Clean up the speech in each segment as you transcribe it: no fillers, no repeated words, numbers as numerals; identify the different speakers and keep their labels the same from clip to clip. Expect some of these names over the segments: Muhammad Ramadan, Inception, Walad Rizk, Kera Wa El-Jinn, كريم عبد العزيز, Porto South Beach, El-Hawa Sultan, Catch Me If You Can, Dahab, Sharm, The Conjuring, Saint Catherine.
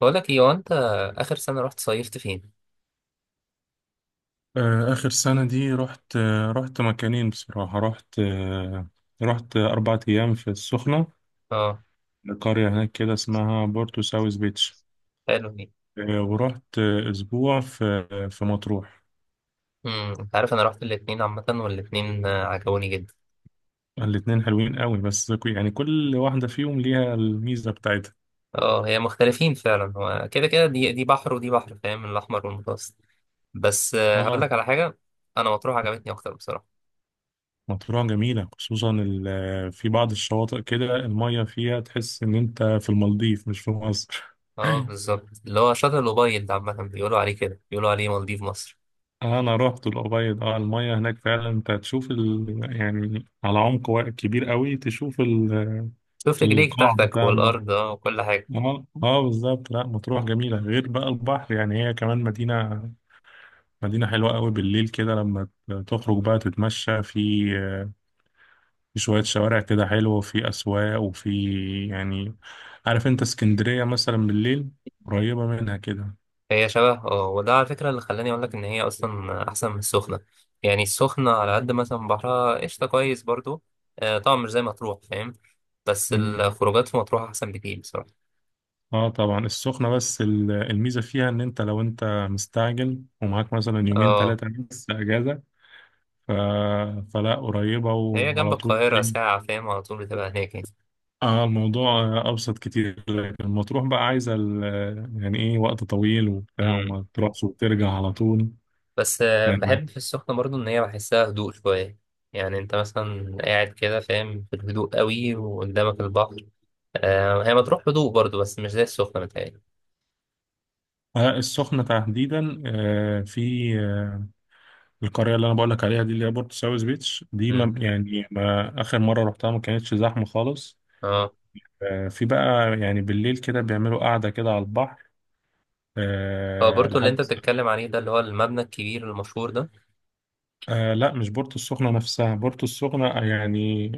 Speaker 1: بقول لك ايه، هو انت اخر سنه رحت صيفت فين؟
Speaker 2: آخر سنة دي رحت مكانين. بصراحة، رحت 4 أيام في السخنة،
Speaker 1: اه.
Speaker 2: لقرية هناك كده اسمها بورتو ساوث بيتش.
Speaker 1: حلو دي.
Speaker 2: ورحت أسبوع في في مطروح.
Speaker 1: انت عارف انا رحت الاتنين عامه، والاتنين عجبوني جدا.
Speaker 2: الاتنين حلوين قوي، بس يعني كل واحدة فيهم ليها الميزة بتاعتها.
Speaker 1: اه، هي مختلفين فعلا. هو كده كده دي بحر ودي بحر، فاهم؟ الاحمر والمتوسط. بس هقول
Speaker 2: اه،
Speaker 1: لك على حاجه. انا مطروح عجبتني اكتر بصراحه.
Speaker 2: مطروح جميلة، خصوصا في بعض الشواطئ كده المية فيها تحس إن أنت في المالديف مش في مصر.
Speaker 1: اه، بالظبط. اللي هو شاطئ الأوبايد ده عامه بيقولوا عليه كده، بيقولوا عليه مالديف مصر.
Speaker 2: انا رحت الأبيض. اه، المية هناك فعلا انت هتشوف ال... يعني على كبير قوي. تشوف ال...
Speaker 1: شوف رجليك
Speaker 2: القاع
Speaker 1: تحتك
Speaker 2: بتاع البحر.
Speaker 1: والارض، اه، وكل حاجه.
Speaker 2: اه، بالظبط. لا، مطروح جميلة غير بقى البحر، يعني هي كمان مدينة، حلوة قوي بالليل، كده لما تخرج بقى تتمشى في في شوية شوارع كده حلوة، وفي أسواق، وفي، يعني. عارف انت اسكندرية مثلا بالليل؟ قريبة منها كده.
Speaker 1: هي شبه، اه، وده على فكرة اللي خلاني أقولك إن هي أصلا أحسن من السخنة. يعني السخنة على قد مثلا، بحرها قشطة كويس برضو. طبعا مش زي مطروح، فاهم؟ بس الخروجات في مطروح أحسن بكتير بصراحة.
Speaker 2: اه طبعا، السخنة بس الميزة فيها ان انت لو انت مستعجل ومعاك مثلا يومين
Speaker 1: اه،
Speaker 2: ثلاثة بس اجازة، ف... فلا، قريبة
Speaker 1: هي جنب
Speaker 2: وعلى طول
Speaker 1: القاهرة
Speaker 2: تيجي.
Speaker 1: ساعة، فاهم؟ على طول بتبقى هناك يعني.
Speaker 2: اه، الموضوع ابسط كتير، لكن المطروح بقى عايزة ال... يعني ايه، وقت طويل وبتاع،
Speaker 1: مم.
Speaker 2: وما تروحش وترجع على طول.
Speaker 1: بس
Speaker 2: آه،
Speaker 1: بحب في السخنة برضو إن هي بحسها هدوء شوية. يعني أنت مثلا قاعد كده، فاهم؟ في الهدوء قوي وقدامك البحر. هي مطروح هدوء برضو، بس مش زي السخنة متهيألي.
Speaker 2: السخنة تحديدا في القرية اللي أنا بقول لك عليها دي، اللي هي بورتو ساوث بيتش دي،
Speaker 1: مم.
Speaker 2: ما يعني ما آخر مرة رحتها ما كانتش زحمة خالص.
Speaker 1: اه،
Speaker 2: في بقى يعني بالليل كده بيعملوا قعدة كده على البحر
Speaker 1: هو بورتو اللي انت
Speaker 2: لحد...
Speaker 1: بتتكلم عليه ده اللي هو المبنى الكبير المشهور ده؟
Speaker 2: لا، مش بورتو السخنة نفسها، بورتو السخنة يعني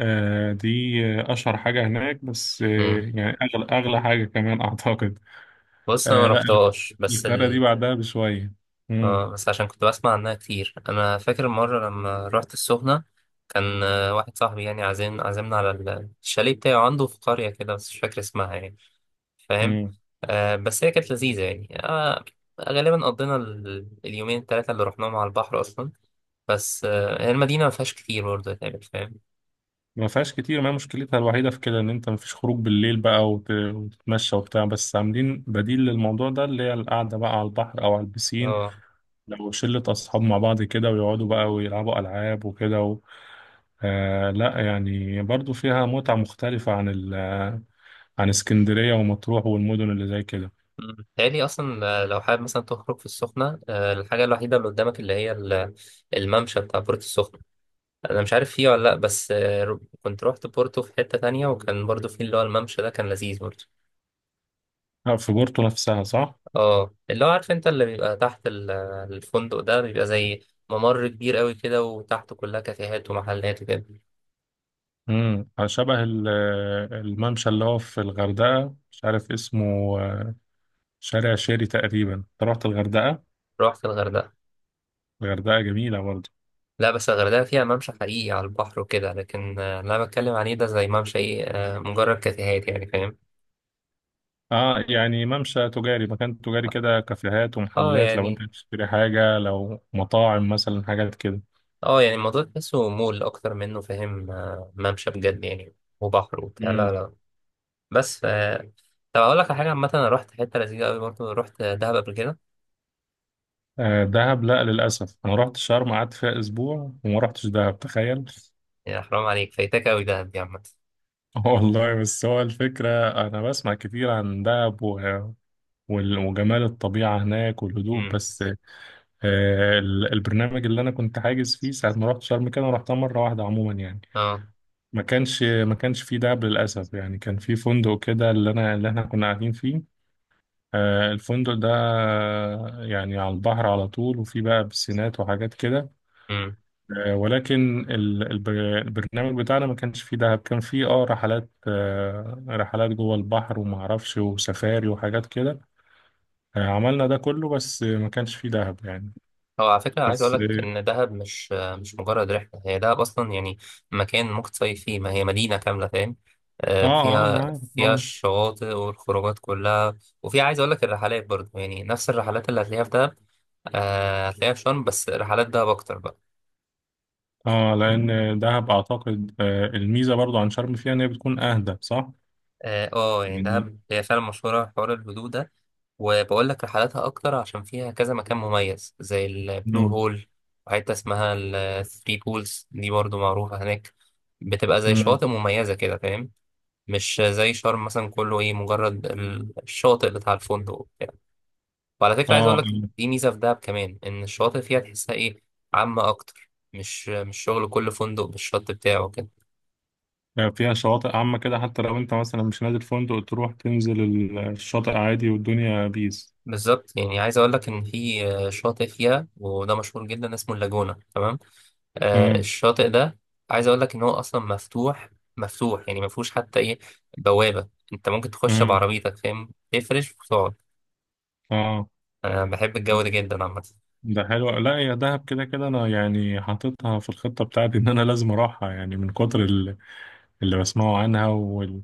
Speaker 2: دي أشهر حاجة هناك، بس
Speaker 1: امم
Speaker 2: يعني أغلى حاجة كمان أعتقد.
Speaker 1: بص انا ما
Speaker 2: لا،
Speaker 1: رحتهاش،
Speaker 2: القارة دي بعدها بشوية. مم.
Speaker 1: اه، بس عشان كنت بسمع عنها كتير، انا فاكر مرة لما رحت السخنة. كان واحد صاحبي يعني عازمنا على الشاليه بتاعه عنده في قرية كده، بس مش فاكر اسمها يعني، فاهم؟
Speaker 2: مم.
Speaker 1: بس هي كانت لذيذة يعني غالبا قضينا اليومين التلاتة اللي رحناهم على البحر أصلا. بس هي المدينة ما فيهاش كتير برضه يعني، فاهم؟
Speaker 2: ما فيهاش كتير. ما هي مشكلتها الوحيدة في كده إن أنت مفيش خروج بالليل بقى وتتمشى وبتاع، بس عاملين بديل للموضوع ده، اللي هي القعدة بقى على البحر أو على البسين،
Speaker 1: اه.
Speaker 2: لو شلة أصحاب مع بعض كده ويقعدوا بقى ويلعبوا ألعاب وكده و... لا، يعني برضو فيها متعة مختلفة عن ال... عن اسكندرية ومطروح والمدن اللي زي كده.
Speaker 1: مم. تاني اصلا لو حابب مثلا تخرج في السخنه الحاجه الوحيده اللي قدامك اللي هي الممشى بتاع بورتو السخنه. انا مش عارف فيه ولا لا، بس كنت روحت بورتو في حته تانية، وكان برضو فيه اللي هو الممشى ده كان لذيذ برضو.
Speaker 2: في بورتو نفسها، صح؟
Speaker 1: اه، اللي هو عارف انت اللي بيبقى تحت الفندق ده بيبقى زي ممر كبير قوي كده، وتحته كلها كافيهات ومحلات وكده.
Speaker 2: امم، شبه الممشى اللي هو في الغردقة، مش عارف اسمه. آه، شارع شيري تقريبا. أنت رحت الغردقة؟
Speaker 1: روحت الغردقه.
Speaker 2: الغردقة جميلة برضو.
Speaker 1: لا، بس الغردقه فيها ممشى حقيقي على البحر وكده، لكن اللي انا بتكلم عليه ده زي ممشى ايه مجرد كافيهات يعني، فاهم؟
Speaker 2: اه يعني ممشى تجاري، مكان تجاري كده، كافيهات
Speaker 1: اه
Speaker 2: ومحلات، لو انت
Speaker 1: يعني.
Speaker 2: بتشتري حاجة، لو مطاعم مثلا، حاجات كده.
Speaker 1: اه يعني الموضوع تحسه مول اكتر منه، فاهم؟ ممشى بجد يعني وبحر وبتاع، لا، لا. بس ف طب، اقول لك على حاجه عامه، انا رحت حته لذيذه قوي برضه، رحت دهب قبل كده.
Speaker 2: دهب؟ لا، للأسف أنا رحت شرم، قعدت فيها أسبوع وما رحتش دهب، تخيل.
Speaker 1: يا حرام عليك، فايتك قوي دهب دي عامه.
Speaker 2: والله، بس هو الفكرة أنا بسمع كتير عن دهب و... وجمال الطبيعة هناك والهدوء،
Speaker 1: امم
Speaker 2: بس البرنامج اللي أنا كنت حاجز فيه ساعة ما رحت شرم، كده أنا رحتها مرة واحدة عموما يعني
Speaker 1: اه،
Speaker 2: ما كانش فيه دهب للأسف، يعني. كان في فندق كده، اللي أنا، اللي إحنا كنا قاعدين فيه. الفندق ده يعني على البحر على طول، وفيه بقى بسينات وحاجات كده، ولكن البرنامج بتاعنا ما كانش فيه دهب. كان فيه اه رحلات، رحلات جوه البحر، وما اعرفش، وسفاري، وحاجات كده. عملنا ده كله، بس ما كانش فيه دهب يعني.
Speaker 1: هو على فكرة عايز أقول
Speaker 2: بس
Speaker 1: لك
Speaker 2: اه.
Speaker 1: إن دهب مش مجرد رحلة، هي دهب أصلا يعني مكان ممكن تصيف فيه، ما هي مدينة كاملة، فاهم؟ آه،
Speaker 2: اه،
Speaker 1: فيها
Speaker 2: انا عارف.
Speaker 1: فيها
Speaker 2: اه،
Speaker 1: الشواطئ والخروجات كلها. وفي عايز أقول لك الرحلات برضه، يعني نفس الرحلات اللي هتلاقيها في دهب هتلاقيها في شرم، بس رحلات دهب أكتر بقى.
Speaker 2: اه لان دهب اعتقد الميزه برضو عن شرم فيها ان هي بتكون اهدى، صح
Speaker 1: اه، يعني
Speaker 2: يعني.
Speaker 1: دهب هي فعلا مشهورة بحوار الهدوء ده. وبقول لك رحلاتها أكتر عشان فيها كذا مكان مميز زي البلو
Speaker 2: مم.
Speaker 1: هول، وحتة اسمها الثري بولز دي برضو معروفة هناك. بتبقى زي
Speaker 2: مم.
Speaker 1: شواطئ مميزة كده، فاهم؟ مش زي شرم مثلا كله ايه، مجرد الشاطئ بتاع الفندق وبتاع. وعلى فكرة
Speaker 2: اه.
Speaker 1: عايز أقول
Speaker 2: آه.
Speaker 1: لك دي ميزة في دهب كمان، إن الشواطئ فيها تحسها ايه، عامة أكتر، مش شغل كل فندق بالشط بتاعه كده.
Speaker 2: فيها شواطئ عامه كده، حتى لو انت مثلا مش نازل فندق، تروح تنزل الشاطئ عادي والدنيا بيس.
Speaker 1: بالظبط، يعني عايز اقول لك ان في شاطئ فيها وده مشهور جدا اسمه اللاجونة، تمام.
Speaker 2: مم.
Speaker 1: الشاطئ ده عايز اقول لك ان هو اصلا مفتوح. مفتوح، يعني ما فيهوش حتى ايه، بوابة. انت ممكن تخش
Speaker 2: مم.
Speaker 1: بعربيتك، فاهم؟ تفرش وتقعد.
Speaker 2: اه.
Speaker 1: انا بحب الجو ده جدا عامة.
Speaker 2: ده حلو. لا يا دهب كده كده، انا يعني حاططها في الخطة بتاعتي ان انا لازم اروحها، يعني من كتر اللي بسمعه عنها وال...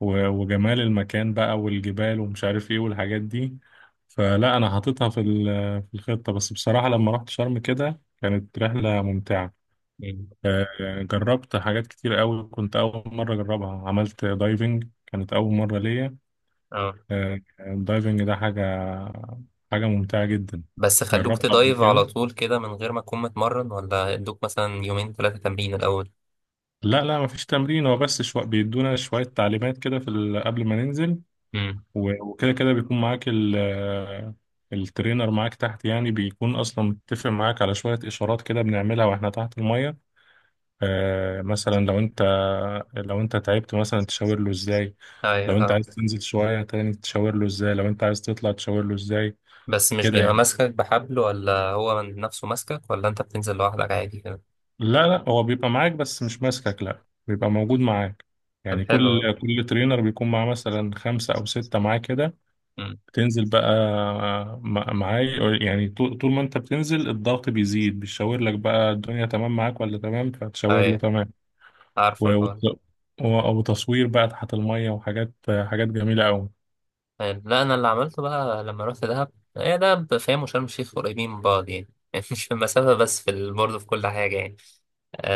Speaker 2: وجمال المكان بقى والجبال، ومش عارف ايه والحاجات دي. فلا، انا حاططها في في الخطة. بس بصراحة لما رحت شرم كده كانت رحلة ممتعة.
Speaker 1: مم.
Speaker 2: جربت حاجات كتير قوي، كنت اول مرة اجربها. عملت دايفنج، كانت اول مرة ليا.
Speaker 1: اه،
Speaker 2: الدايفنج ده حاجة، ممتعة جدا.
Speaker 1: بس خلوك
Speaker 2: جربت قبل
Speaker 1: تدايف على
Speaker 2: كده.
Speaker 1: طول كده من غير ما تكون متمرن، ولا ادوك مثلا يومين ثلاثة تمرين الاول؟
Speaker 2: لا لا، مفيش تمرين، هو بس بيدونا شوية تعليمات كده في ال... قبل ما ننزل.
Speaker 1: امم
Speaker 2: وكده كده بيكون معاك ال... الترينر معاك تحت، يعني بيكون أصلا متفق معاك على شوية إشارات كده بنعملها وإحنا تحت المية. مثلا لو أنت تعبت مثلا تشاور له إزاي،
Speaker 1: ايوه،
Speaker 2: لو أنت
Speaker 1: فاهم.
Speaker 2: عايز تنزل شوية تاني تشاور له إزاي، لو أنت عايز تطلع تشاور له إزاي،
Speaker 1: بس مش
Speaker 2: كده
Speaker 1: بيبقى
Speaker 2: يعني.
Speaker 1: ماسكك بحبل، ولا هو من نفسه ماسكك، ولا انت بتنزل لوحدك عادي كده؟
Speaker 2: لا لا، هو بيبقى معاك بس مش ماسكك، لا بيبقى موجود معاك.
Speaker 1: طب،
Speaker 2: يعني
Speaker 1: حلو.
Speaker 2: كل ترينر بيكون معاه مثلا خمسة أو ستة معاه كده.
Speaker 1: والله.
Speaker 2: تنزل بقى معاي، يعني طول ما انت بتنزل الضغط بيزيد، بيشاور لك بقى الدنيا تمام معاك ولا تمام، فتشاور له
Speaker 1: أيوة،
Speaker 2: تمام.
Speaker 1: عارفة
Speaker 2: و-
Speaker 1: الحوار.
Speaker 2: وت- وتصوير بقى تحت المية، وحاجات، جميلة أوي.
Speaker 1: يعني، لا، أنا اللي عملته بقى لما رحت دهب. هي دهب، فاهم؟ وشرم الشيخ قريبين من بعض يعني يعني مش في المسافة بس في برضه في كل حاجة يعني.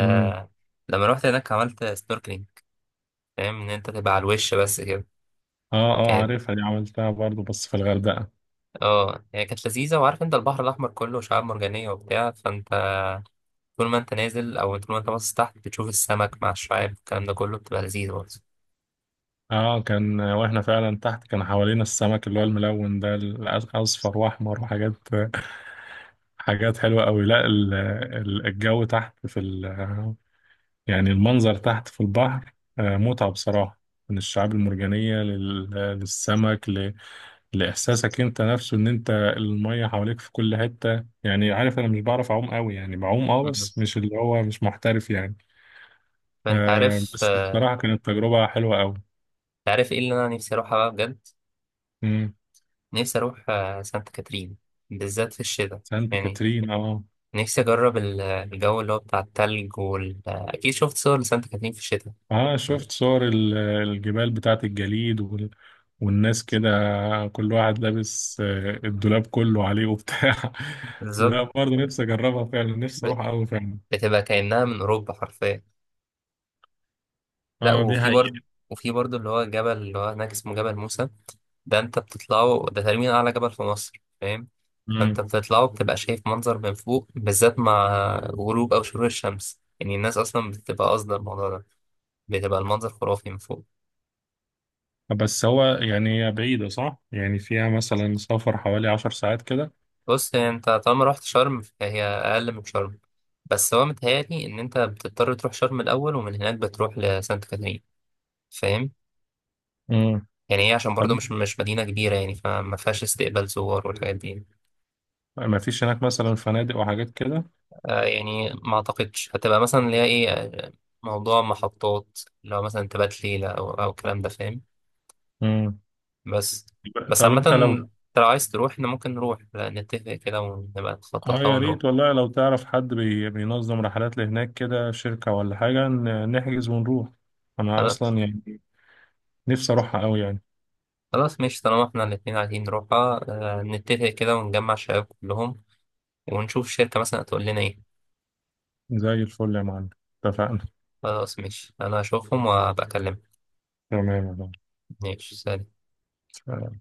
Speaker 2: امم.
Speaker 1: لما رحت هناك عملت سنوركلينج، فاهم؟ إن أنت تبقى على الوش بس كده.
Speaker 2: اه. اه
Speaker 1: كان
Speaker 2: عارفها دي، عملتها برضو بس في الغردقة.
Speaker 1: اه، هي كانت لذيذة، وعارف أنت البحر الأحمر كله شعاب مرجانية وبتاع، فأنت طول ما أنت نازل أو طول ما أنت باصص تحت بتشوف السمك مع الشعاب، الكلام ده كله بتبقى لذيذ برضه.
Speaker 2: اه، كان واحنا فعلا تحت، كان حوالينا السمك اللي هو الملون ده، الأصفر وأحمر وحاجات. حلوة أوي. لا الجو تحت في ال... يعني المنظر تحت في البحر متعة بصراحة، من الشعاب المرجانية للسمك، ل... لإحساسك أنت نفسه إن أنت المية حواليك في كل حتة، يعني. عارف، أنا مش بعرف أعوم قوي يعني، بعوم أه
Speaker 1: مم.
Speaker 2: بس مش اللي هو مش محترف يعني.
Speaker 1: فأنت عارف
Speaker 2: بس بصراحة كانت تجربة حلوة قوي.
Speaker 1: أنت عارف إيه اللي أنا نفسي أروحها بقى بجد؟
Speaker 2: مم.
Speaker 1: نفسي أروح سانت كاترين، بالذات في الشتاء.
Speaker 2: سانت
Speaker 1: يعني
Speaker 2: كاترين أه.
Speaker 1: نفسي أجرب الجو اللي هو بتاع التلج وال آه، أكيد شفت صور لسانت كاترين في الشتاء.
Speaker 2: اه، شفت صور الجبال بتاعت الجليد وال... والناس كده، كل واحد لابس الدولاب كله عليه وبتاع.
Speaker 1: بالظبط.
Speaker 2: لا برضه، نفسي اجربها فعلا، نفسي
Speaker 1: ب-
Speaker 2: اروح قوي فعلا.
Speaker 1: بتبقى كأنها من أوروبا حرفيا. لا،
Speaker 2: اه، دي
Speaker 1: وفي برضه،
Speaker 2: حقيقة.
Speaker 1: وفي برضه اللي هو جبل اللي هو هناك اسمه جبل موسى. ده أنت بتطلعه، ده تقريبا أعلى جبل في مصر، فاهم؟ فأنت
Speaker 2: مم.
Speaker 1: بتطلعه بتبقى شايف منظر من فوق، بالذات مع غروب أو شروق الشمس، يعني الناس أصلا بتبقى قاصدة الموضوع ده. بتبقى المنظر خرافي من فوق.
Speaker 2: بس هو يعني هي بعيدة، صح؟ يعني فيها مثلا سفر حوالي 10 ساعات كده.
Speaker 1: بص، هي انت طالما رحت شرم فهي اقل من شرم، بس هو متهيألي ان انت بتضطر تروح شرم الاول، ومن هناك بتروح لسانت كاترين، فاهم؟
Speaker 2: مم.
Speaker 1: يعني هي عشان
Speaker 2: طب
Speaker 1: برضو مش مدينه كبيره يعني، فما فيهاش استقبال زوار والحاجات دي.
Speaker 2: ما فيش هناك مثلا فنادق وحاجات كده؟
Speaker 1: يعني ما اعتقدش هتبقى مثلا اللي هي ايه موضوع محطات اللي هو مثلا تبات ليله او الكلام ده، فاهم؟
Speaker 2: مم.
Speaker 1: بس بس
Speaker 2: طب
Speaker 1: عامه،
Speaker 2: انت لو،
Speaker 1: انت لو عايز تروح احنا ممكن نروح، لا، نتفق كده ونبقى
Speaker 2: اه
Speaker 1: نخطط لها
Speaker 2: يا
Speaker 1: ونروح.
Speaker 2: ريت والله، لو تعرف حد بينظم رحلات لهناك كده، شركة ولا حاجة، نحجز ونروح. أنا أصلا يعني نفسي أروحها أوي يعني.
Speaker 1: خلاص ماشي، طالما احنا الاتنين عايزين نروحها، نتفق كده ونجمع الشباب كلهم، ونشوف الشركة مثلا هتقول لنا ايه.
Speaker 2: زي الفل يا معلم. اتفقنا.
Speaker 1: خلاص ماشي، انا هشوفهم وابقى اكلمك.
Speaker 2: تمام يا
Speaker 1: ماشي، سلام.
Speaker 2: معلم.